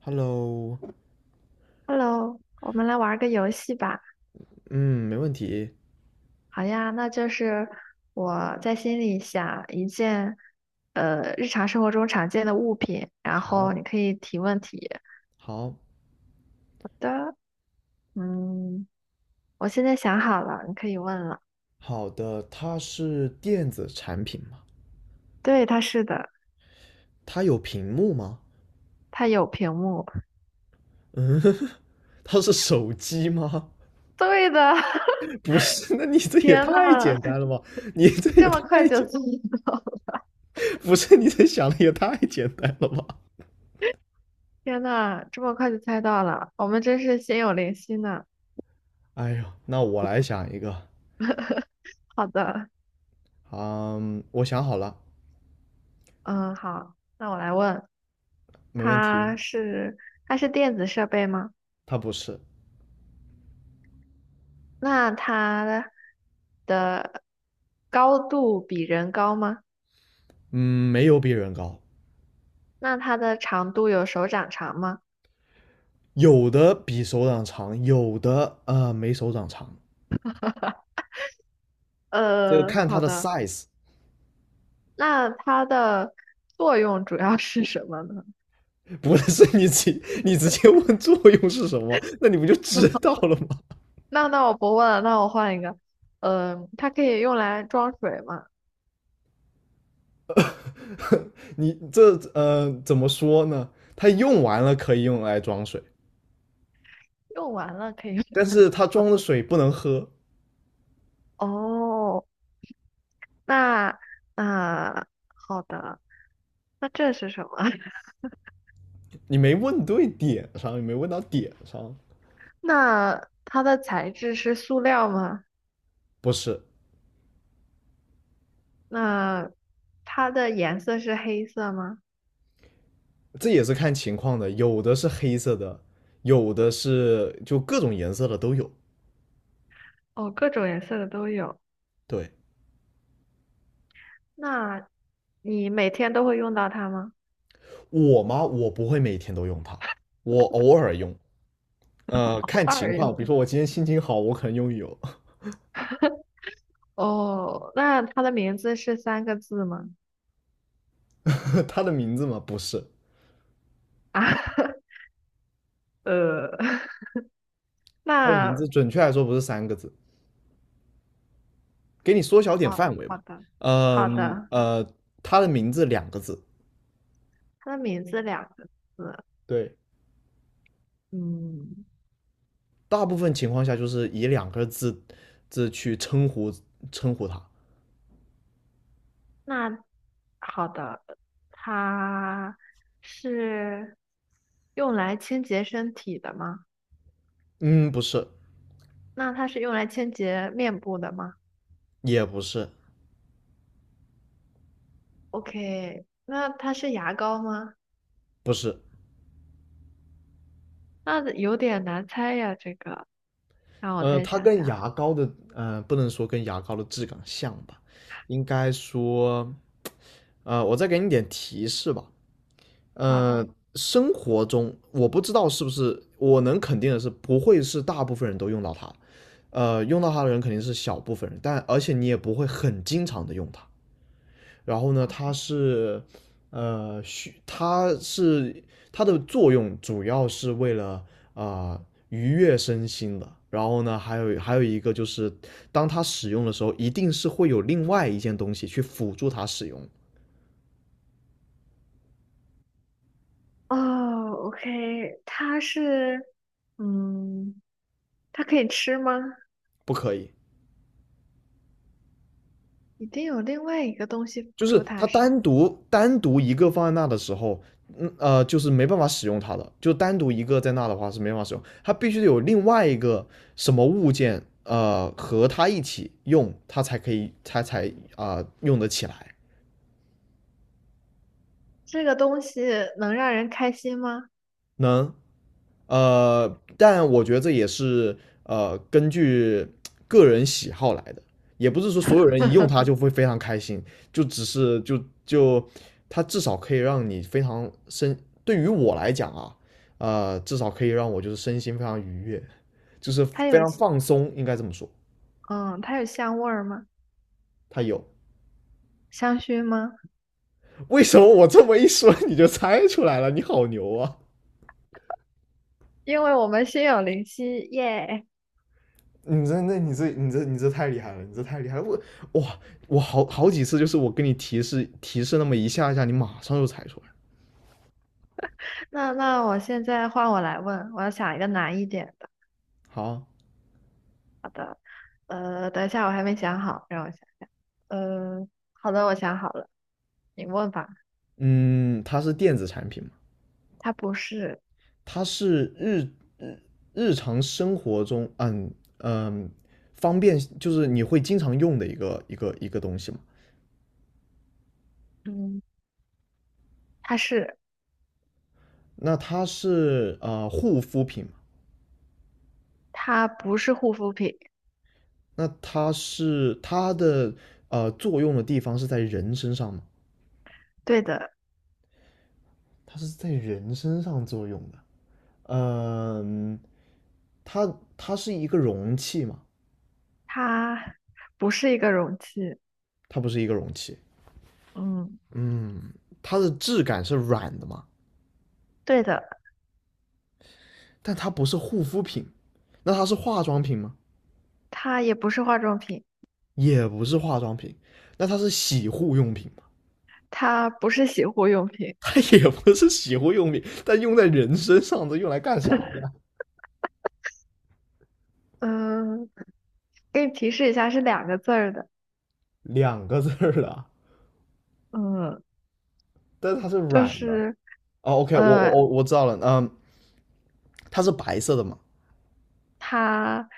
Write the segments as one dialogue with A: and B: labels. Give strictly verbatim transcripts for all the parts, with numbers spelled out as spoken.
A: Hello，
B: Hello，我们来玩个游戏吧。
A: 嗯，没问题。
B: 好呀，那就是我在心里想一件，呃，日常生活中常见的物品，然
A: 好，
B: 后你可以提问题
A: 好，
B: 的。嗯，我现在想好了，你可以问了。
A: 好的，它是电子产品吗？
B: 对，它是的，
A: 它有屏幕吗？
B: 它有屏幕。
A: 嗯，它是手机吗？
B: 对的，
A: 不是，那你 这也
B: 天呐，
A: 太简单了吧？你这
B: 你
A: 也
B: 这么快
A: 太
B: 就
A: 简，
B: 猜到了？
A: 不是，你这想的也太简单了吧？
B: 天呐，这么快就猜到了，我们真是心有灵犀呢。
A: 哎呦，那我来想一个。
B: 好的，
A: 嗯，我想好了，
B: 嗯，好，那我来问。
A: 没问题。
B: 它是它是电子设备吗？
A: 它不是，
B: 那它的的高度比人高吗？
A: 嗯，没有比人高，
B: 那它的长度有手掌长吗？
A: 有的比手掌长，有的呃没手掌长。这个
B: 呃，
A: 看它
B: 好
A: 的
B: 的。
A: size。
B: 那它的作用主要是什么呢？
A: 不是， 你直你直接问作用是什么，那你不就知 道了吗？
B: 那那我不问了，那我换一个。嗯、它可以用来装水吗？
A: 你这呃怎么说呢？它用完了可以用来装水，
B: 用完了可以用。
A: 但 是它装的水不能喝。
B: 哦，那那好的，那这是什么？
A: 你没问对点上，你没问到点上。
B: 那它的材质是塑料吗？
A: 不是，
B: 那它的颜色是黑色吗？
A: 这也是看情况的，有的是黑色的，有的是就各种颜色的都有。
B: 哦，各种颜色的都有。
A: 对。
B: 那你每天都会用到它吗？
A: 我吗？我不会每天都用它，我偶尔用，呃，
B: 偶
A: 看
B: 尔
A: 情
B: 用。
A: 况，比如说我今天心情好，我可能用一用。
B: 哦，那它的名字是三个字吗？
A: 他的名字吗？不是，
B: 啊，呃，
A: 他的名
B: 那
A: 字准确来说不是三个字，给你缩小点
B: 哦，
A: 范围
B: 好
A: 吧。
B: 的，好
A: 嗯
B: 的，
A: 呃，他的名字两个字，
B: 它的名字两个字，
A: 对，
B: 嗯，
A: 大部分情况下就是以两个字字去称呼称呼他。
B: 那好的，它是用来清洁身体的吗？
A: 嗯，不是，
B: 那它是用来清洁面部的吗？
A: 也不是，
B: OK，那它是牙膏吗？
A: 是。
B: 那有点难猜呀，这个让我
A: 呃，
B: 再
A: 它
B: 想
A: 跟
B: 想。
A: 牙膏的，呃，不能说跟牙膏的质感像吧，应该说，呃，我再给你点提示吧。呃，
B: 好，
A: 生活中我不知道是不是，我能肯定的是，不会是大部分人都用到它，呃，用到它的人肯定是小部分人，但而且你也不会很经常的用它。然后呢，它是，呃，需它是它的作用主要是为了啊、呃愉悦身心的。然后呢，还有还有一个就是，当它使用的时候，一定是会有另外一件东西去辅助它使用。
B: 哦，OK，它是，嗯，它可以吃吗？
A: 不可以。
B: 一定有另外一个东西辅
A: 就
B: 助
A: 是
B: 它
A: 它
B: 吃。
A: 单独单独一个放在那的时候，嗯呃，就是没办法使用它的，就单独一个在那的话是没办法使用，它必须得有另外一个什么物件呃和它一起用，它才可以它才啊、呃用得起来。
B: 这个东西能让人开心吗？
A: 能。呃，但我觉得这也是呃根据个人喜好来的，也不是说所有人一用它就会非常开心，就只是就就它至少可以让你非常身，对于我来讲啊，呃，至少可以让我就是身心非常愉悦，就是
B: 它
A: 非
B: 有，
A: 常放松，应该这么说。
B: 嗯，它有香味儿吗？
A: 它有。
B: 香薰吗？
A: 为什么我这么一说你就猜出来了？你好牛啊！
B: 因为我们心有灵犀，耶！
A: 你这、那你这你这你这太厉害了，你这太厉害了！我哇，我好好几次就是我跟你提示提示那么一下下，你马上就猜出来。
B: 那那我现在换我来问，我要想一个难一点的。
A: 好，
B: 呃，等一下，我还没想好，让我想。呃，好的，我想好了，你问吧。
A: 嗯，它是电子产品嘛？
B: 它不是，
A: 它是日日日常生活中，嗯嗯，嗯方便就是你会经常用的一个一个一个东西嘛？
B: 嗯，它是，
A: 那它是呃护肤品嘛？
B: 它不是护肤品，
A: 那它是它的呃作用的地方是在人身上吗？
B: 对的，
A: 它是在人身上作用的。嗯，呃它它是一个容器嘛？
B: 它不是一个容器，
A: 它不是一个容器。
B: 嗯，
A: 嗯，它的质感是软的嘛？
B: 对的，
A: 但它不是护肤品，那它是化妆品吗？
B: 它也不是化妆品，
A: 也不是化妆品，那它是洗护用品吗？
B: 它不是洗护用品，
A: 它也不是洗护用品，但用在人身上，的用来干啥呀？
B: 嗯，给你提示一下，是两个字儿的，
A: 两个字儿了，
B: 嗯，
A: 但是它是
B: 就
A: 软的。
B: 是
A: 哦，OK，我
B: 呃，
A: 我我我知道了。嗯，它是白色的嘛？
B: 它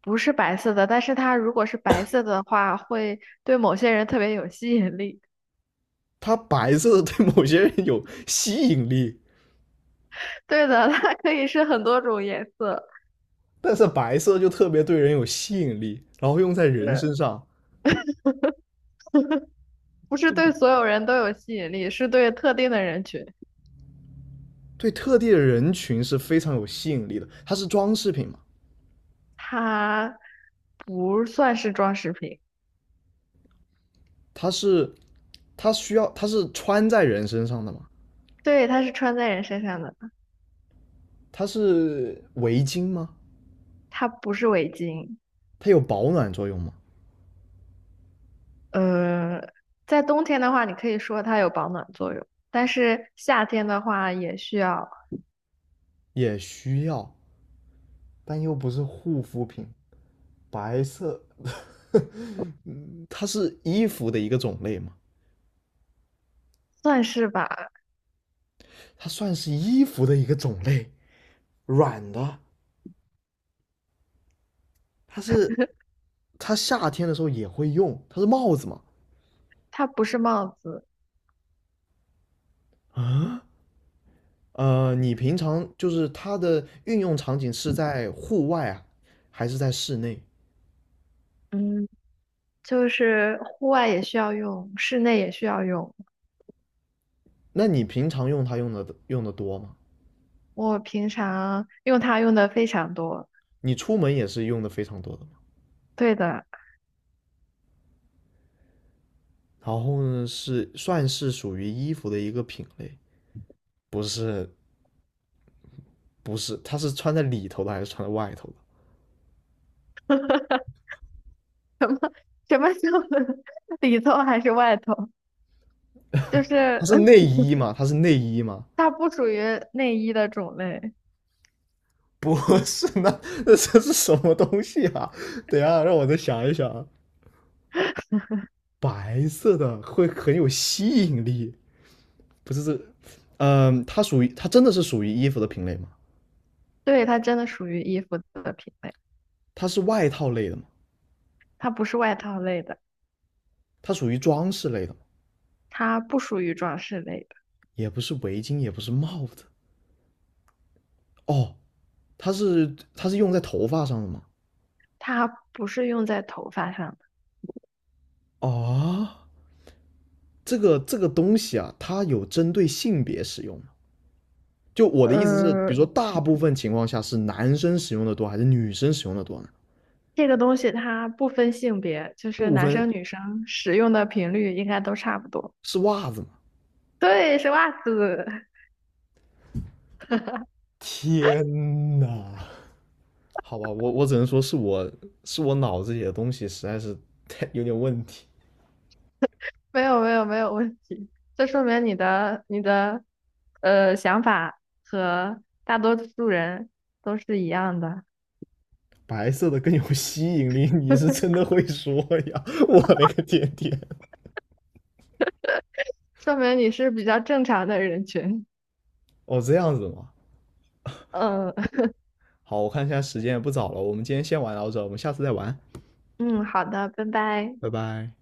B: 不是白色的，但是它如果是白色的话，会对某些人特别有吸引力。
A: 它白色的对某些人有吸引力，
B: 对的，它可以是很多种颜色。
A: 但是白色就特别对人有吸引力，然后用在人
B: 是
A: 身上，
B: 不是对
A: 就
B: 所有人都有吸引力？是对特定的人群，
A: 对特定的人群是非常有吸引力的。它是装饰品嘛？
B: 它不算是装饰品，
A: 它是它需要它是穿在人身上的嘛？
B: 对，它是穿在人身上的，
A: 它是围巾吗？
B: 它不是围巾。
A: 它有保暖作用吗？
B: 呃，在冬天的话，你可以说它有保暖作用，但是夏天的话也需要，
A: 也需要，但又不是护肤品。白色， 嗯它是衣服的一个种类嘛？
B: 算是吧。
A: 它算是衣服的一个种类，软的。它是它夏天的时候也会用，它是帽子嘛？
B: 它不是帽子，
A: 啊，呃，你平常就是它的运用场景是在户外啊，还是在室内？
B: 嗯，就是户外也需要用，室内也需要用。
A: 那你平常用它用的用的多吗？
B: 我平常用它用的非常多。
A: 你出门也是用的非常多的吗？
B: 对的，
A: 然后呢，是算是属于衣服的一个品类。不是不是，它是穿在里头的还是穿在外头的？
B: 什么时候 里头还是外头？就
A: 它
B: 是
A: 是内 衣吗？它是内衣吗？
B: 它不属于内衣的种类，
A: 不是，那那这是什么东西啊？等一下，让我再想一想啊。白色的会很有吸引力，不是这。嗯，它属于它真的是属于衣服的品类吗？
B: 对，它真的属于衣服的品类，
A: 它是外套类的吗？
B: 它不是外套类的，
A: 它属于装饰类的吗？
B: 它不属于装饰类的，
A: 也不是围巾，也不是帽子。哦，它是它是用在头发上的吗？
B: 它不是用在头发上的。
A: 哦，这个这个东西啊，它有针对性别使用吗？就我的意思是，比如
B: 呃，
A: 说大部分情况下是男生使用的多还是女生使用的多呢？
B: 这个东西它不分性别，就是
A: 不
B: 男
A: 分。
B: 生女生使用的频率应该都差不多。
A: 是袜子吗？
B: 对，是袜子，
A: 天呐！好吧，我我只能说是我是我脑子里的东西实在是太有点问题。
B: 没有没有没有问题，这说明你的你的呃想法和大多数人都是一样的。
A: 白色的更有吸引力，你是真的会说呀！我那个天天，
B: 说明你是比较正常的人群。
A: 哦，这样子吗？
B: 嗯
A: 好，我看一下时间也不早了，我们今天先玩到这，我们下次再玩，
B: 嗯，好的，拜拜。
A: 拜拜。